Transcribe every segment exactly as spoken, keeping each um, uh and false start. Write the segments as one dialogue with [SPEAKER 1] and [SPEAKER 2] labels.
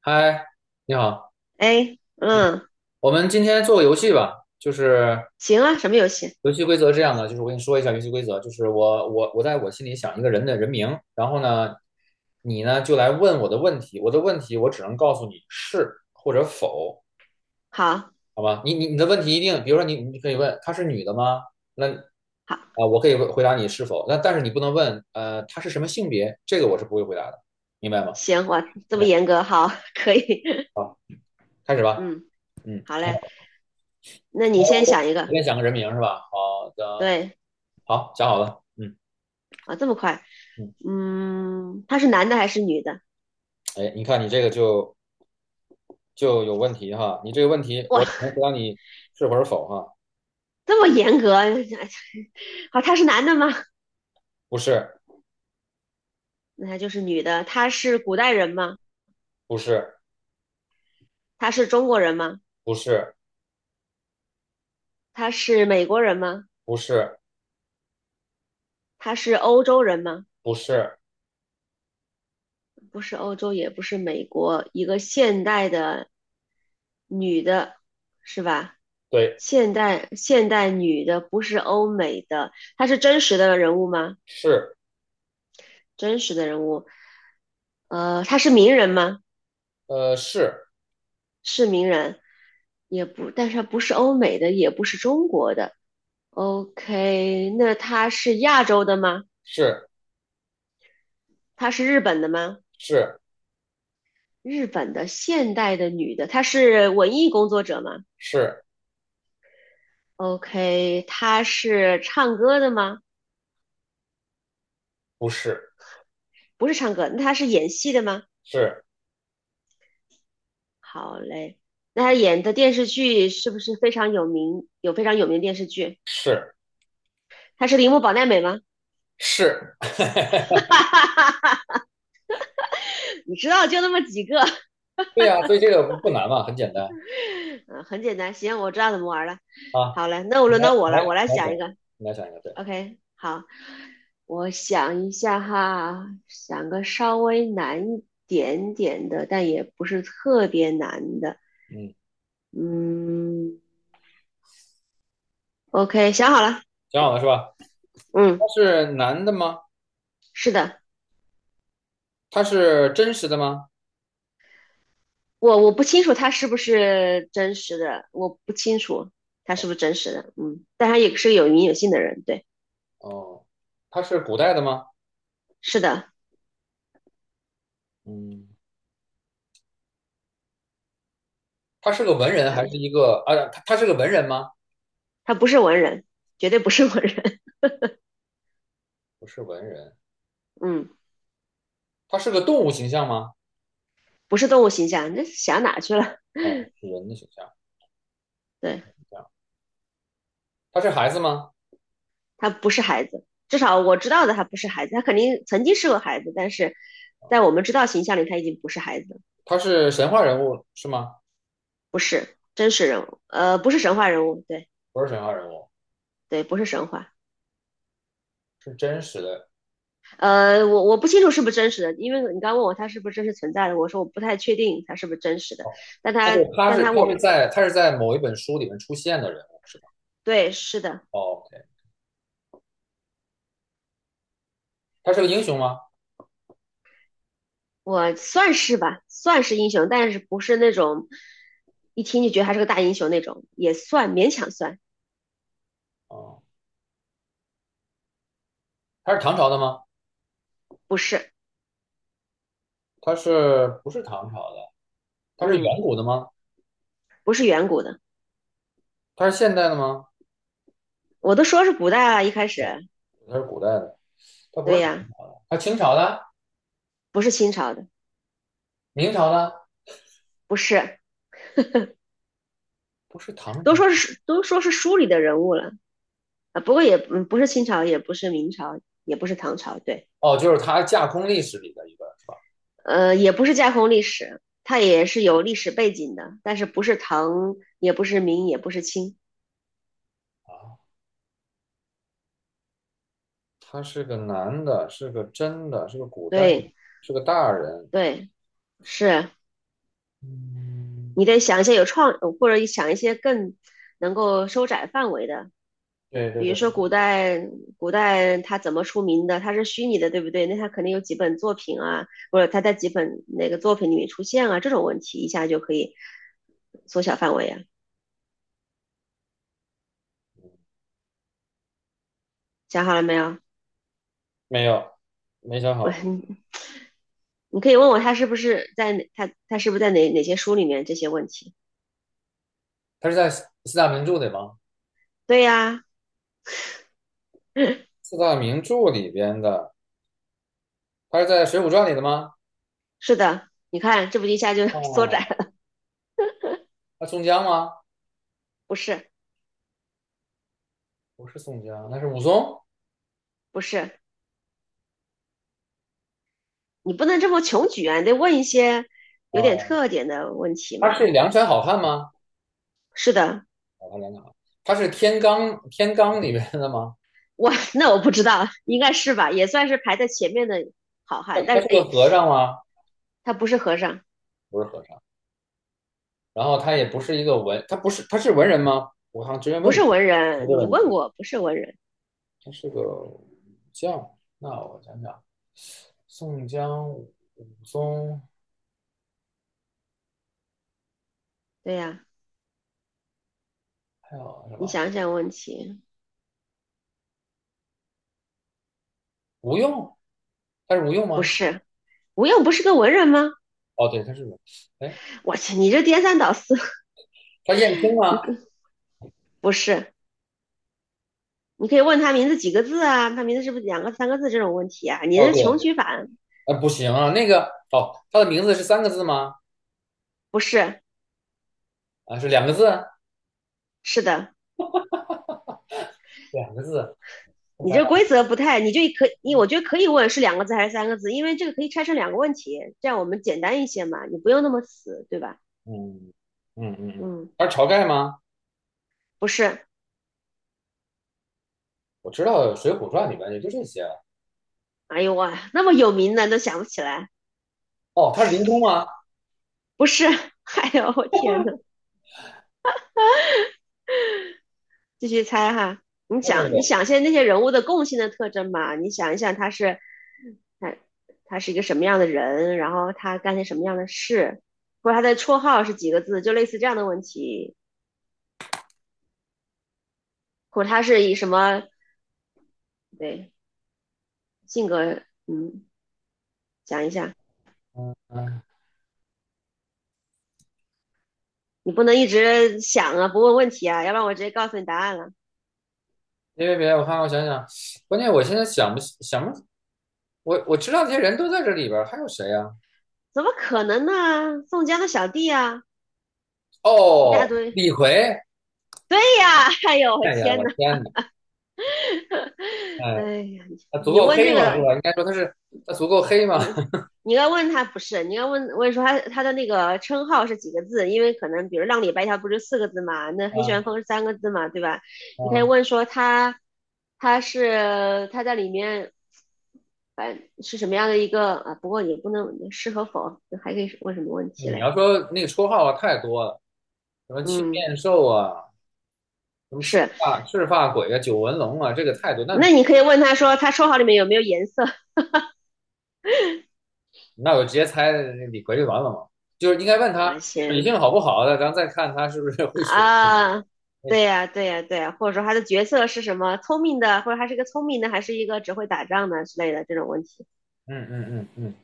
[SPEAKER 1] 嗨，你好，
[SPEAKER 2] 哎，嗯，
[SPEAKER 1] 我们今天做个游戏吧。就是
[SPEAKER 2] 行啊，什么游戏？
[SPEAKER 1] 游戏规则是这样的，就是我跟你说一下游戏规则，就是我我我在我心里想一个人的人名，然后呢，你呢就来问我的问题，我的问题我只能告诉你是或者否，
[SPEAKER 2] 好，
[SPEAKER 1] 好吧？你你你的问题一定，比如说你你可以问她是女的吗？那
[SPEAKER 2] 好，
[SPEAKER 1] 啊，我可以回答你是否，那但是你不能问呃她是什么性别，这个我是不会回答的，明白吗
[SPEAKER 2] 行，哇，这么
[SPEAKER 1] ？OK，
[SPEAKER 2] 严格，好，可以，
[SPEAKER 1] 开始吧。
[SPEAKER 2] 嗯，好嘞，那你
[SPEAKER 1] 来
[SPEAKER 2] 先
[SPEAKER 1] 我
[SPEAKER 2] 想一个，
[SPEAKER 1] 先想个人名是吧？好的。
[SPEAKER 2] 对，
[SPEAKER 1] 好，讲好了。嗯
[SPEAKER 2] 啊，这么快，
[SPEAKER 1] 嗯，
[SPEAKER 2] 嗯，他是男的还是女的？
[SPEAKER 1] 哎，你看你这个就就有问题哈。你这个问题，
[SPEAKER 2] 哇，
[SPEAKER 1] 我只能回答你是或者否哈。
[SPEAKER 2] 这么严格，好，他是男的吗？
[SPEAKER 1] 不是，
[SPEAKER 2] 那他就是女的，他是古代人吗？
[SPEAKER 1] 不是，
[SPEAKER 2] 他是中国人吗？
[SPEAKER 1] 不是，
[SPEAKER 2] 他是美国人吗？
[SPEAKER 1] 不是，
[SPEAKER 2] 他是欧洲人吗？
[SPEAKER 1] 不是，
[SPEAKER 2] 不是欧洲，也不是美国，一个现代的女的，是吧？
[SPEAKER 1] 对，
[SPEAKER 2] 现代现代女的，不是欧美的，她是真实的人物吗？
[SPEAKER 1] 是，
[SPEAKER 2] 真实的人物，呃，她是名人吗？
[SPEAKER 1] 呃，是，
[SPEAKER 2] 是名人，也不，但是她不是欧美的，也不是中国的。OK，那她是亚洲的吗？
[SPEAKER 1] 是，
[SPEAKER 2] 她是日本的吗？
[SPEAKER 1] 是，
[SPEAKER 2] 日本的现代的女的，她是文艺工作者吗？
[SPEAKER 1] 是，
[SPEAKER 2] OK,他是唱歌的吗？
[SPEAKER 1] 不是，
[SPEAKER 2] 不是唱歌，那他是演戏的吗？
[SPEAKER 1] 是，
[SPEAKER 2] 好嘞，那他演的电视剧是不是非常有名？有非常有名的电视剧？
[SPEAKER 1] 是，
[SPEAKER 2] 他是铃木保奈美吗？
[SPEAKER 1] 是，
[SPEAKER 2] 你知道就那么几个，
[SPEAKER 1] 对呀、所以这个不不难嘛，很简单
[SPEAKER 2] 嗯，很简单。行，我知道怎么玩了。
[SPEAKER 1] 啊。
[SPEAKER 2] 好嘞，那我
[SPEAKER 1] 你
[SPEAKER 2] 轮
[SPEAKER 1] 来，
[SPEAKER 2] 到我
[SPEAKER 1] 你
[SPEAKER 2] 了，
[SPEAKER 1] 来，
[SPEAKER 2] 我来
[SPEAKER 1] 你来想，
[SPEAKER 2] 想一个。
[SPEAKER 1] 你来想一个，对，
[SPEAKER 2] OK，好，我想一下哈，想个稍微难一点点的，但也不是特别难的。
[SPEAKER 1] 嗯，
[SPEAKER 2] 嗯，OK，想好了。
[SPEAKER 1] 讲好了是吧？
[SPEAKER 2] 嗯，
[SPEAKER 1] 它是男的吗？
[SPEAKER 2] 是的。
[SPEAKER 1] 它是真实的吗？
[SPEAKER 2] 我我不清楚他是不是真实的，我不清楚他是不是真实的，嗯，但他也是个有名有姓的人，对，
[SPEAKER 1] 哦，它是古代的吗？
[SPEAKER 2] 是的，
[SPEAKER 1] 嗯，他是个文人还是
[SPEAKER 2] 哎
[SPEAKER 1] 一个啊？他他是个文人吗？
[SPEAKER 2] 他不是文人，绝对不是文人，
[SPEAKER 1] 不是文人，
[SPEAKER 2] 嗯，
[SPEAKER 1] 他是个动物形象吗？
[SPEAKER 2] 不是动物形象，那想哪去了？
[SPEAKER 1] 啊、是人的形象，人
[SPEAKER 2] 对，
[SPEAKER 1] 的形象。他是孩子吗？
[SPEAKER 2] 他不是孩子，至少我知道的他不是孩子，他肯定曾经是个孩子，但是在
[SPEAKER 1] 啊、
[SPEAKER 2] 我们知道形象里他已经不是孩子了。
[SPEAKER 1] 他是神话人物是吗？
[SPEAKER 2] 不是真实人物，
[SPEAKER 1] 哦，
[SPEAKER 2] 呃，不是神话人物，对。
[SPEAKER 1] 不是神话人物，
[SPEAKER 2] 对，不是神话。
[SPEAKER 1] 是真实的。
[SPEAKER 2] 呃，我我不清楚是不是真实的，因为你刚问我他是不是真实存在的，我说我不太确定他是不是真实的，
[SPEAKER 1] 哦，
[SPEAKER 2] 但
[SPEAKER 1] 那
[SPEAKER 2] 他，
[SPEAKER 1] 就他
[SPEAKER 2] 但
[SPEAKER 1] 是
[SPEAKER 2] 他，
[SPEAKER 1] 他是
[SPEAKER 2] 我
[SPEAKER 1] 在他是在某一本书里面出现的人物是吧？
[SPEAKER 2] 对，是的，
[SPEAKER 1] 哦，OK，他是个英雄吗？
[SPEAKER 2] 我算是吧，算是英雄，但是不是那种一听就觉得他是个大英雄那种，也算勉强算，
[SPEAKER 1] 哦，他是唐朝的吗？
[SPEAKER 2] 不是，
[SPEAKER 1] 他是不是唐朝的？他是
[SPEAKER 2] 嗯，
[SPEAKER 1] 远古的吗？
[SPEAKER 2] 不是远古的，
[SPEAKER 1] 他是现代的吗？
[SPEAKER 2] 我都说是古代了，一开始，
[SPEAKER 1] 他是古代的？他不
[SPEAKER 2] 对
[SPEAKER 1] 是唐，
[SPEAKER 2] 呀，
[SPEAKER 1] 他清朝的、
[SPEAKER 2] 不是清朝的，
[SPEAKER 1] 明朝的，
[SPEAKER 2] 不是，
[SPEAKER 1] 不是唐
[SPEAKER 2] 都
[SPEAKER 1] 朝。
[SPEAKER 2] 说是都说是书里的人物了啊，不过也嗯不是清朝，也不是明朝，也不是唐朝，对。
[SPEAKER 1] 哦，就是他架空历史里的一个是吧？
[SPEAKER 2] 呃，也不是架空历史，它也是有历史背景的，但是不是唐，也不是明，也不是清。
[SPEAKER 1] 啊，他是个男的，是个真的，是个古代，
[SPEAKER 2] 对，
[SPEAKER 1] 是个大人。
[SPEAKER 2] 对，是。
[SPEAKER 1] 嗯，
[SPEAKER 2] 你得想一些有创，呃或者想一些更能够收窄范围的，
[SPEAKER 1] 对对
[SPEAKER 2] 比如
[SPEAKER 1] 对，
[SPEAKER 2] 说古代，古代它怎么出名的？它是虚拟的，对不对？那它肯定有几本作品啊，或者它在几本哪个作品里面出现啊，这种问题一下就可以缩小范围啊。想好了没有？
[SPEAKER 1] 没有，没想
[SPEAKER 2] 我
[SPEAKER 1] 好。
[SPEAKER 2] 你可以问我他是不是在哪，他他是不是在哪哪些书里面这些问题？
[SPEAKER 1] 他是在四四大名著里吗？
[SPEAKER 2] 对呀，啊
[SPEAKER 1] 四大名著里边的，他是在《水浒传》里的吗？
[SPEAKER 2] 是的，你看这不一下就 缩
[SPEAKER 1] 哦，
[SPEAKER 2] 窄了，
[SPEAKER 1] 他宋江吗？
[SPEAKER 2] 不是
[SPEAKER 1] 不是宋江，那是武松。
[SPEAKER 2] 不是，你不能这么穷举啊，你得问一些有点
[SPEAKER 1] 啊，
[SPEAKER 2] 特点的问题
[SPEAKER 1] 他
[SPEAKER 2] 嘛。
[SPEAKER 1] 是梁山好汉吗？
[SPEAKER 2] 是的，
[SPEAKER 1] 好汉梁山好汉，他是天罡天罡里边的吗？
[SPEAKER 2] 我 那我不知道，应该是吧，也算是排在前面的好
[SPEAKER 1] 他
[SPEAKER 2] 汉，但
[SPEAKER 1] 他
[SPEAKER 2] 是
[SPEAKER 1] 是
[SPEAKER 2] 哎
[SPEAKER 1] 个
[SPEAKER 2] 呦，
[SPEAKER 1] 和尚吗？
[SPEAKER 2] 他不是和尚，
[SPEAKER 1] 不是和尚。然后他也不是一个文，他不是他是文人吗？我好像之前
[SPEAKER 2] 不
[SPEAKER 1] 问
[SPEAKER 2] 是
[SPEAKER 1] 过，
[SPEAKER 2] 文
[SPEAKER 1] 他这
[SPEAKER 2] 人，你
[SPEAKER 1] 个你
[SPEAKER 2] 问过不是文人，
[SPEAKER 1] 他是个武将。那我想想，宋江、武松
[SPEAKER 2] 对呀，啊
[SPEAKER 1] 还有什
[SPEAKER 2] 你
[SPEAKER 1] 么？
[SPEAKER 2] 想想问题，
[SPEAKER 1] 吴用？他是吴用
[SPEAKER 2] 不
[SPEAKER 1] 吗？
[SPEAKER 2] 是，吴用不是个文人吗？
[SPEAKER 1] 哦，对，他是吴。哎，
[SPEAKER 2] 我去，你这颠三倒四，
[SPEAKER 1] 他燕青吗？
[SPEAKER 2] 不是。你可以问他名字几个字啊，他名字是不是两个三个字这种问题啊？你
[SPEAKER 1] 哦，
[SPEAKER 2] 的穷
[SPEAKER 1] 对，
[SPEAKER 2] 举法
[SPEAKER 1] 呃，不行啊，那个哦，他的名字是三个字吗？
[SPEAKER 2] 不是，
[SPEAKER 1] 啊，是两个字？
[SPEAKER 2] 是的，
[SPEAKER 1] 两个字。我
[SPEAKER 2] 你
[SPEAKER 1] 想
[SPEAKER 2] 这
[SPEAKER 1] 想，
[SPEAKER 2] 规则不太，你就可你我觉得可以问是两个字还是三个字，因为这个可以拆成两个问题，这样我们简单一些嘛，你不用那么死，对吧？
[SPEAKER 1] 嗯嗯嗯嗯，
[SPEAKER 2] 嗯，
[SPEAKER 1] 他是晁盖吗？
[SPEAKER 2] 不是，
[SPEAKER 1] 我知道《水浒传》里面也就这些。
[SPEAKER 2] 哎呦哇，那么有名的都想不起来，
[SPEAKER 1] 哦，他是林冲吗？
[SPEAKER 2] 不是，哎呦我天呐，继续猜哈，你
[SPEAKER 1] 对对
[SPEAKER 2] 想，你
[SPEAKER 1] 对，
[SPEAKER 2] 想现在那些人物的共性的特征嘛？你想一想，他是，他他是一个什么样的人，然后他干些什么样的事，或者他的绰号是几个字，就类似这样的问题，或者他是以什么，对，性格，嗯，想一下，
[SPEAKER 1] 嗯嗯。
[SPEAKER 2] 你不能一直想啊，不问问题啊，要不然我直接告诉你答案了，
[SPEAKER 1] 别别别的，我看看，我想想，关键我现在想不起想不，我我知道这些人都在这里边儿，还有谁呀、
[SPEAKER 2] 怎么可能呢？宋江的小弟啊，一大
[SPEAKER 1] 哦，
[SPEAKER 2] 堆，
[SPEAKER 1] 李逵，
[SPEAKER 2] 对呀，哎呦，我
[SPEAKER 1] 哎呀，
[SPEAKER 2] 天
[SPEAKER 1] 我
[SPEAKER 2] 呐，
[SPEAKER 1] 天哪，哎，
[SPEAKER 2] 哎呀，
[SPEAKER 1] 他足
[SPEAKER 2] 你
[SPEAKER 1] 够
[SPEAKER 2] 问这
[SPEAKER 1] 黑吗？是
[SPEAKER 2] 个，
[SPEAKER 1] 吧？应该说他是他足够黑吗？
[SPEAKER 2] 你你要问他不是，你问，该问问说他他的那个称号是几个字，因为可能比如浪里白条不是四个字嘛，那黑旋
[SPEAKER 1] 啊
[SPEAKER 2] 风是三个字嘛，对吧？你可以
[SPEAKER 1] 啊，
[SPEAKER 2] 问说他他是他在里面，反正是什么样的一个啊？不过也不能是和否，还可以问什么问题
[SPEAKER 1] 你
[SPEAKER 2] 嘞？
[SPEAKER 1] 要说那个绰号啊，太多了，什么青
[SPEAKER 2] 嗯，
[SPEAKER 1] 面兽啊，什么赤
[SPEAKER 2] 是，
[SPEAKER 1] 发赤发鬼啊，九纹龙啊，这个太多。那
[SPEAKER 2] 那你可以问他说他绰号里面有没有颜色
[SPEAKER 1] 那我直接猜李逵就完了嘛，就是应该问 他
[SPEAKER 2] 啊？
[SPEAKER 1] 水
[SPEAKER 2] 行，
[SPEAKER 1] 性好不好的，咱再看他是不是会水。
[SPEAKER 2] 啊，
[SPEAKER 1] 会
[SPEAKER 2] 对
[SPEAKER 1] 水
[SPEAKER 2] 呀，对呀，对呀，或者说他的角色是什么？聪明的，或者他是一个聪明的，还是一个只会打仗的之类的这种问题，
[SPEAKER 1] 嗯嗯嗯嗯。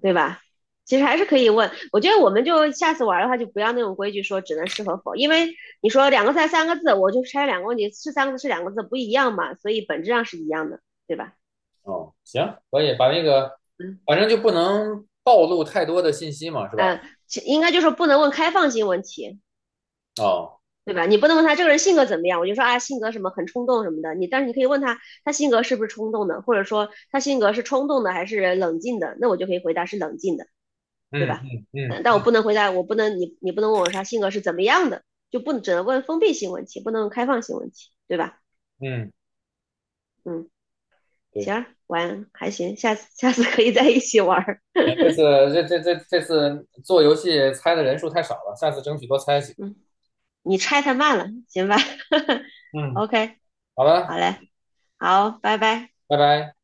[SPEAKER 2] 对吧？其实还是可以问。我觉得我们就下次玩的话，就不要那种规矩说只能是和否，因为你说两个字还是三个字，我就拆两个问题，是三个字是两个字不一样嘛，所以本质上是一样的，对吧？
[SPEAKER 1] 哦，行，可以把那个，
[SPEAKER 2] 嗯
[SPEAKER 1] 反正就不能暴露太多的信息嘛，是吧？
[SPEAKER 2] 嗯，其应该就是不能问开放性问题。
[SPEAKER 1] 哦，
[SPEAKER 2] 对吧？你不能问他这个人性格怎么样，我就说啊，性格什么很冲动什么的。你但是你可以问他，他性格是不是冲动的，或者说他性格是冲动的还是冷静的，那我就可以回答是冷静的，对
[SPEAKER 1] 嗯
[SPEAKER 2] 吧？
[SPEAKER 1] 嗯
[SPEAKER 2] 嗯，但我
[SPEAKER 1] 嗯
[SPEAKER 2] 不能回答，我不能你你不能问我说他性格是怎么样的，就不能只能问封闭性问题，不能问开放性问题，对吧？
[SPEAKER 1] 嗯，
[SPEAKER 2] 嗯，
[SPEAKER 1] 对，
[SPEAKER 2] 行，玩还行，下次下次可以在一起玩儿。
[SPEAKER 1] 行，这次 这这这这次做游戏猜的人数太少了，下次争取多猜几个。
[SPEAKER 2] 嗯，你拆太慢了，行吧
[SPEAKER 1] 嗯，
[SPEAKER 2] ？OK，
[SPEAKER 1] 好
[SPEAKER 2] 好
[SPEAKER 1] 了，
[SPEAKER 2] 嘞，好，拜拜。
[SPEAKER 1] 拜拜。